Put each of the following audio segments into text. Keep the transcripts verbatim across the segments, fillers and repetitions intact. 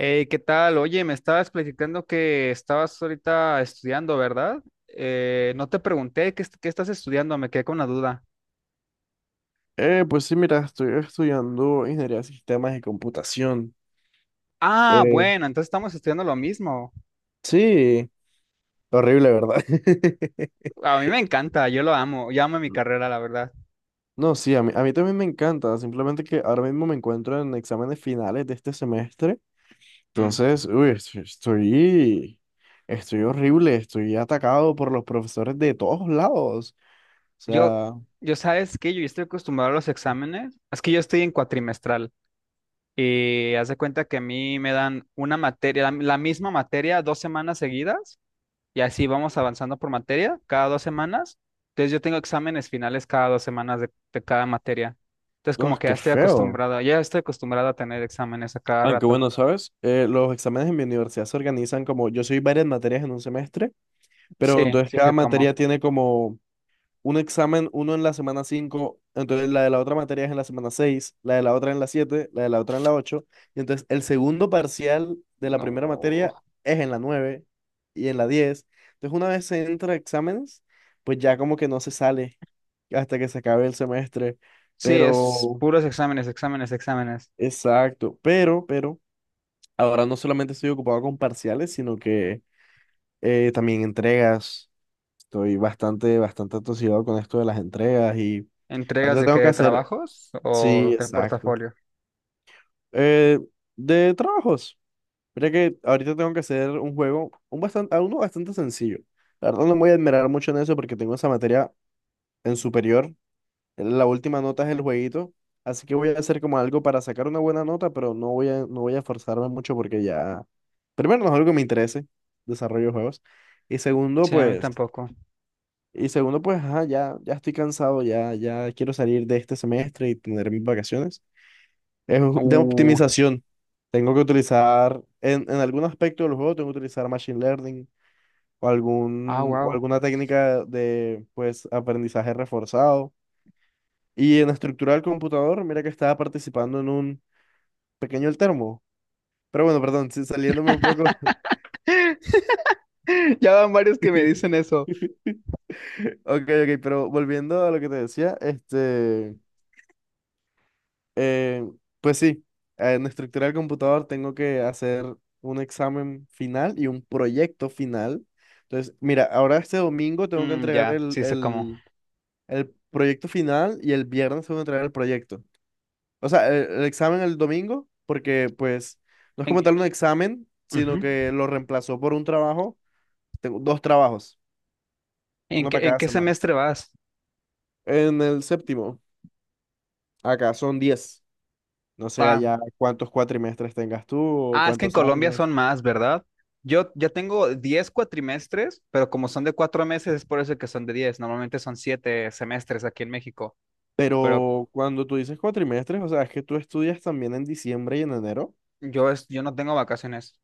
Hey, ¿qué tal? Oye, me estabas platicando que estabas ahorita estudiando, ¿verdad? Eh, no te pregunté qué, est- qué estás estudiando, me quedé con una duda. Eh, pues sí, mira, estoy estudiando ingeniería de sistemas y computación. Ah, Eh, bueno, entonces estamos estudiando lo mismo. sí, horrible, ¿verdad? A mí me encanta, yo lo amo, yo amo mi carrera, la verdad. No, sí, a mí, a mí también me encanta, simplemente que ahora mismo me encuentro en exámenes finales de este semestre. Mm. Entonces, uy, est- estoy, estoy horrible, estoy atacado por los profesores de todos lados. O Yo, sea, yo sabes que yo estoy acostumbrado a los exámenes, es que yo estoy en cuatrimestral y haz de cuenta que a mí me dan una materia, la la misma materia dos semanas seguidas. Y así vamos avanzando por materia cada dos semanas. Entonces yo tengo exámenes finales cada dos semanas de, de cada materia. Entonces como ¡ah, que ya qué estoy feo! acostumbrado, ya estoy acostumbrado a tener exámenes a cada Aunque rato. bueno, ¿sabes? Eh, los exámenes en mi universidad se organizan como, yo soy varias materias en un semestre, pero Sí, entonces sí cada sé materia cómo. tiene como un examen: uno en la semana cinco, entonces la de la otra materia es en la semana seis, la de la otra en la siete, la de la otra en la ocho, y entonces el segundo parcial de la primera No. materia es en la nueve y en la diez. Entonces una vez se entra a exámenes, pues ya como que no se sale hasta que se acabe el semestre, Sí, es pero, puros exámenes, exámenes, exámenes. exacto, pero, pero, ahora no solamente estoy ocupado con parciales, sino que eh, también entregas. Estoy bastante, bastante atosigado con esto de las entregas y ¿Entregas ahorita de qué? tengo que ¿De hacer. trabajos Sí, o de exacto. portafolio? Eh, de trabajos. Mira que ahorita tengo que hacer un juego, un bastante, uno bastante sencillo. La verdad no me voy a admirar mucho en eso porque tengo esa materia en superior. Eh, La última nota es el jueguito. Así que voy a hacer como algo para sacar una buena nota, pero no voy a, no voy a esforzarme mucho porque ya. Primero, no es algo que me interese, desarrollo de juegos. Y segundo, Sí, a mí pues. tampoco. Y segundo, pues, ajá, ya, ya estoy cansado, ya, ya quiero salir de este semestre y tener mis vacaciones. Es de Uh, optimización. Tengo que utilizar, en, en algún aspecto del juego, tengo que utilizar machine learning o, ah, algún, o wow. alguna técnica de, pues, aprendizaje reforzado. Y en estructura del computador, mira que estaba participando en un pequeño termo. Pero bueno, perdón, sí, saliéndome un poco. Ya van varios que me dicen eso. Ok, ok, pero volviendo a lo que te decía, este... Eh, pues sí, en estructura del computador tengo que hacer un examen final y un proyecto final. Entonces, mira, ahora este domingo tengo que Mm, entregar ya, el, sí sé cómo. el, el proyecto final y el viernes tengo que entregar el proyecto. O sea, el, el examen el domingo, porque pues no es como ¿En, tal un examen, sino Ujú. que lo reemplazó por un trabajo. Tengo dos trabajos, ¿En uno para qué, en cada qué semana. semestre vas? En el séptimo, acá son diez. No sé Ah, allá cuántos cuatrimestres tengas tú o Ah, es que en cuántos Colombia son años. más, ¿verdad? Yo ya tengo diez cuatrimestres, pero como son de cuatro meses, es por eso que son de diez. Normalmente son siete semestres aquí en México, pero Pero cuando tú dices cuatrimestres, o sea, es que tú estudias también en diciembre y en enero. yo, es, yo no tengo vacaciones.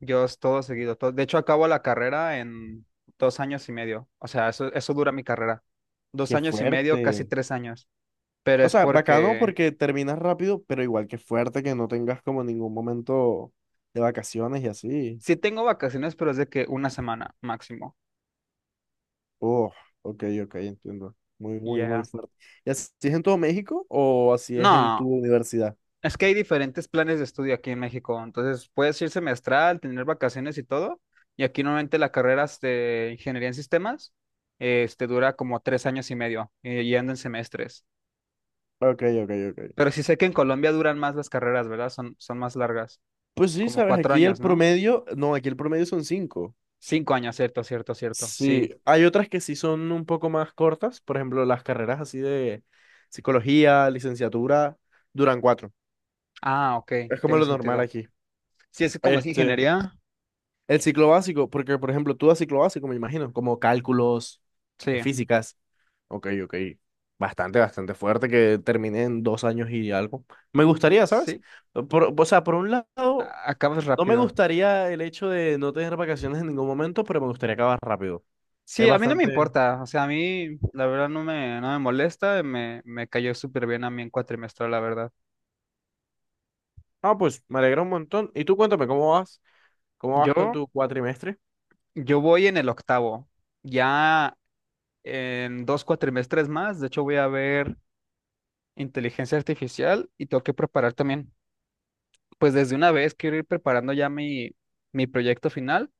Yo es todo seguido. Todo- de hecho, acabo la carrera en dos años y medio. O sea, eso, eso dura mi carrera. Dos Qué años y medio, casi fuerte. tres años. Pero O es sea, bacano porque porque terminas rápido, pero igual que fuerte que no tengas como ningún momento de vacaciones y así. sí tengo vacaciones, pero es de que una semana máximo. Oh, ok, ok, entiendo. Muy, muy, muy Ya. fuerte. ¿Y así es en todo México o así es en tu No, universidad? es que hay diferentes planes de estudio aquí en México, entonces puedes ir semestral, tener vacaciones y todo, y aquí normalmente la carrera de ingeniería en sistemas eh, este, dura como tres años y medio, eh, y anda en semestres. Ok, ok, ok. Pero sí sé que en Colombia duran más las carreras, ¿verdad? Son, son más largas, Pues sí, como sabes, cuatro aquí el años, ¿no? promedio, no, aquí el promedio son cinco. Cinco años, cierto, cierto, cierto, Sí, sí. hay otras que sí son un poco más cortas, por ejemplo, las carreras así de psicología, licenciatura, duran cuatro. Ah, ok, Es como tiene lo normal sentido. aquí. Sí, es que como es Este, ingeniería, el ciclo básico, porque por ejemplo, tú das ciclo básico, me imagino, como cálculos, eh, sí, físicas. Ok, ok. Bastante, bastante fuerte que terminé en dos años y algo. Me gustaría, ¿sabes? sí, Por- o sea, por un lado, a- acabas no me rápido. gustaría el hecho de no tener vacaciones en ningún momento, pero me gustaría acabar rápido. Es Sí, a mí no me bastante. importa, o sea, a mí la verdad no me, no me molesta, me, me cayó súper bien a mí en cuatrimestral, la verdad. Ah, pues me alegra un montón. Y tú cuéntame, ¿cómo vas? ¿Cómo vas con Yo, tu cuatrimestre? yo voy en el octavo, ya en dos cuatrimestres más, de hecho voy a ver inteligencia artificial y tengo que preparar también, pues desde una vez quiero ir preparando ya mi, mi proyecto final,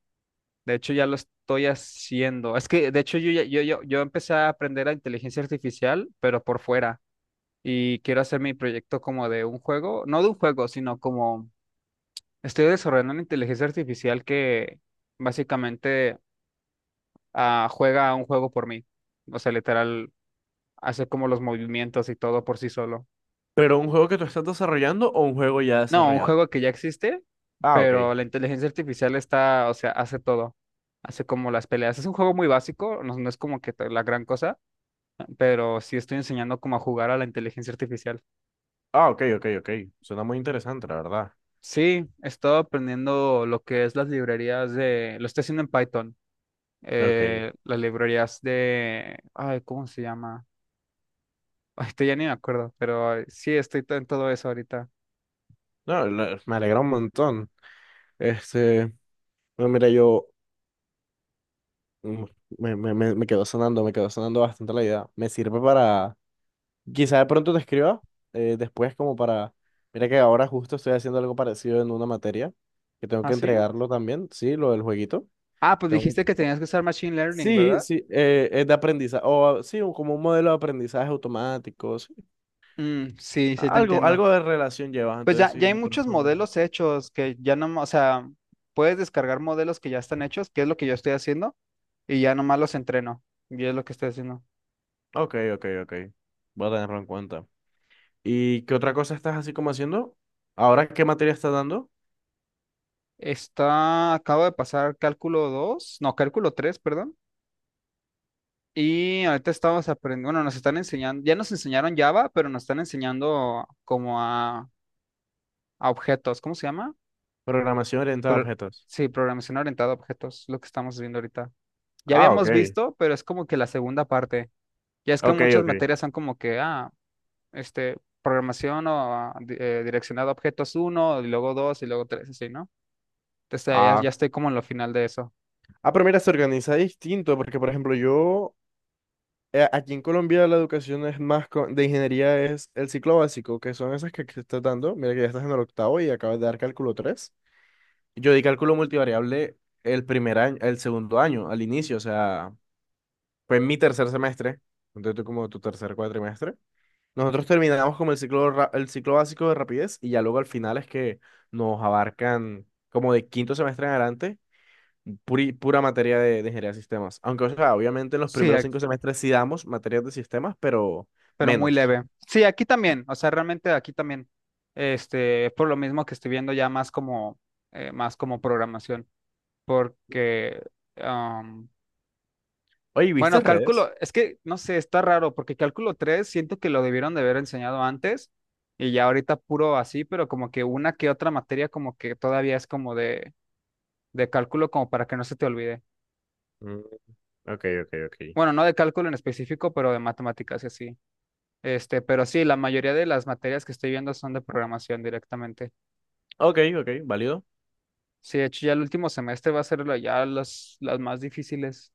de hecho ya lo estoy haciendo, es que de hecho yo, ya- yo, yo, yo empecé a aprender a inteligencia artificial, pero por fuera. Y quiero hacer mi proyecto como de un juego, no de un juego, sino como estoy desarrollando una inteligencia artificial que básicamente ah, juega a un juego por mí. O sea, literal, hace como los movimientos y todo por sí solo. ¿Pero un juego que tú estás desarrollando o un juego ya No, un desarrollado? juego que ya existe, Ah, ok. pero la inteligencia artificial está, o sea, hace todo. Hace como las peleas. Es un juego muy básico, no, no es como que la gran cosa, pero sí estoy enseñando como a jugar a la inteligencia artificial. Ah, ok, ok, ok. Suena muy interesante, la verdad. Sí, he estado aprendiendo lo que es las librerías de, lo estoy haciendo en Python, Ok. eh, las librerías de, ay, ¿cómo se llama? Ay, te- ya ni me acuerdo, pero ay, sí, estoy to- en todo eso ahorita. No, la- me alegra un montón. Este, no, mira, yo mm, me, me, me, me quedó sonando, me quedó sonando bastante la idea. Me sirve para, quizá de pronto te escriba eh, después como para, mira que ahora justo estoy haciendo algo parecido en una materia, que tengo ¿Ah, que sí? entregarlo también, sí, lo del jueguito. Ah, pues Tengo. dijiste que tenías que usar Machine Learning, ¿verdad? Sí, sí, eh, es de aprendizaje, o ah, sí, un- como un modelo de aprendizaje automático, sí. Mm, sí, sí te Algo, entiendo. algo de relación llevas, Pues entonces ya, sí, ya hay de muchos pronto me... modelos hechos que ya no, o sea, puedes descargar modelos que ya están hechos, que es lo que yo estoy haciendo, y ya nomás los entreno, y es lo que estoy haciendo. Ok, ok, ok. Voy a tenerlo en cuenta. ¿Y qué otra cosa estás así como haciendo? ¿Ahora qué materia estás dando? Está, acabo de pasar cálculo dos no, cálculo tres perdón. Y ahorita estamos aprendiendo, bueno, nos están enseñando, ya nos enseñaron Java, pero nos están enseñando como a, a, objetos, ¿cómo se llama? Programación orientada a Pro- objetos. sí, programación orientada a objetos, lo que estamos viendo ahorita. Ya Ah, ok. habíamos visto, pero es como que la segunda parte. Ya es que Ok, muchas ok. materias son como que, ah, este, programación o ah, di- eh, direccionada a objetos uno y luego dos y luego tres así, ¿no? Entonces ya, Ah, ya estoy como en lo final de eso. ah, pero mira, se organiza distinto, porque por ejemplo yo, eh, aquí en Colombia la educación es más, co- de ingeniería es el ciclo básico, que son esas que, que estás dando. Mira que ya estás en el octavo y acabas de dar cálculo tres. Yo di cálculo multivariable el primer año, el segundo año, al inicio, o sea, fue en mi tercer semestre, entonces tú como tu tercer cuatrimestre. Nosotros terminamos como el ciclo, ra- el ciclo básico de rapidez y ya luego al final es que nos abarcan como de quinto semestre en adelante, puri- pura materia de, de ingeniería de sistemas. Aunque, o sea, obviamente en los Sí, primeros cinco semestres sí damos materias de sistemas, pero pero muy menos. leve. Sí, aquí también, o sea, realmente aquí también, este, es por lo mismo que estoy viendo ya más como, eh, más como programación, porque, am, Oye, ¿viste bueno, cálculo, redes? es que, no sé, está raro, porque cálculo tres siento que lo debieron de haber enseñado antes y ya ahorita puro así, pero como que una que otra materia como que todavía es como de, de cálculo como para que no se te olvide. Mm, ok, ok, ok. Bueno, no de cálculo en específico, pero de matemáticas y así. Este, pero sí, la mayoría de las materias que estoy viendo son de programación directamente. Ok, ok, válido. Sí, de hecho ya el último semestre va a ser la- ya las, las más difíciles.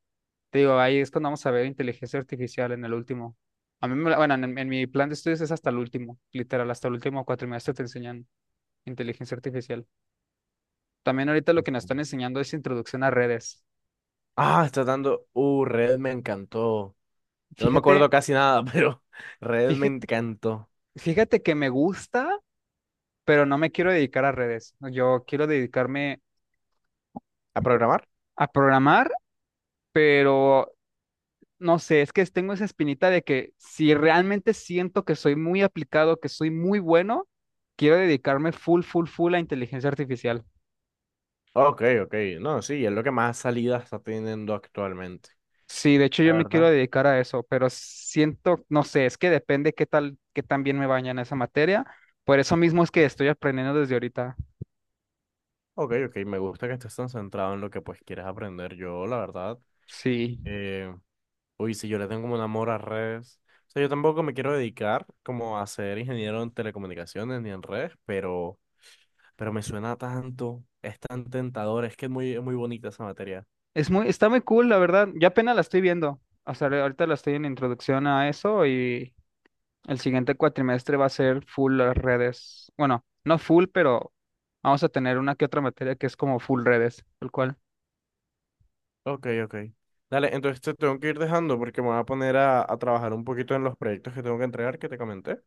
Te digo, ahí es cuando vamos a ver inteligencia artificial en el último. A mí, me la- bueno, en, en mi plan de estudios es hasta el último, literal, hasta el último cuatrimestre te enseñan inteligencia artificial. También ahorita lo que nos están enseñando es introducción a redes. Ah, está dando. Uh, red me encantó. No me acuerdo Fíjate, casi nada, pero red me fíjate, encantó. fíjate que me gusta, pero no me quiero dedicar a redes. Yo quiero dedicarme ¿A programar? a programar, pero no sé, es que tengo esa espinita de que si realmente siento que soy muy aplicado, que soy muy bueno, quiero dedicarme full, full, full a inteligencia artificial. Ok, ok. No, sí, es lo que más salidas está teniendo actualmente. Sí, de hecho yo La me quiero verdad. dedicar a eso, pero siento, no sé, es que depende qué tal, qué tan bien me vaya en esa materia. Por eso mismo es que estoy aprendiendo desde ahorita. Ok, ok. Me gusta que estés tan centrado en lo que pues quieres aprender. Yo, la verdad, Sí, eh, uy, si yo le tengo como un amor a redes. O sea, yo tampoco me quiero dedicar como a ser ingeniero en telecomunicaciones ni en redes, pero, pero me suena tanto. Es tan tentador. Es que es muy, es muy bonita esa materia. es muy, está muy cool, la verdad. Yo apenas la estoy viendo. O sea, ahorita la estoy en introducción a eso y el siguiente cuatrimestre va a ser full las redes. Bueno, no full, pero vamos a tener una que otra materia que es como full redes, tal cual. Ok, ok. Dale, entonces te tengo que ir dejando porque me voy a poner a, a trabajar un poquito en los proyectos que tengo que entregar que te comenté.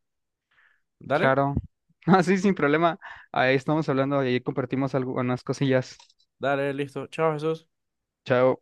Dale, Claro. Así sin problema. Ahí estamos hablando, ahí compartimos algunas cosillas. dale, listo. Chao, Jesús. Chao.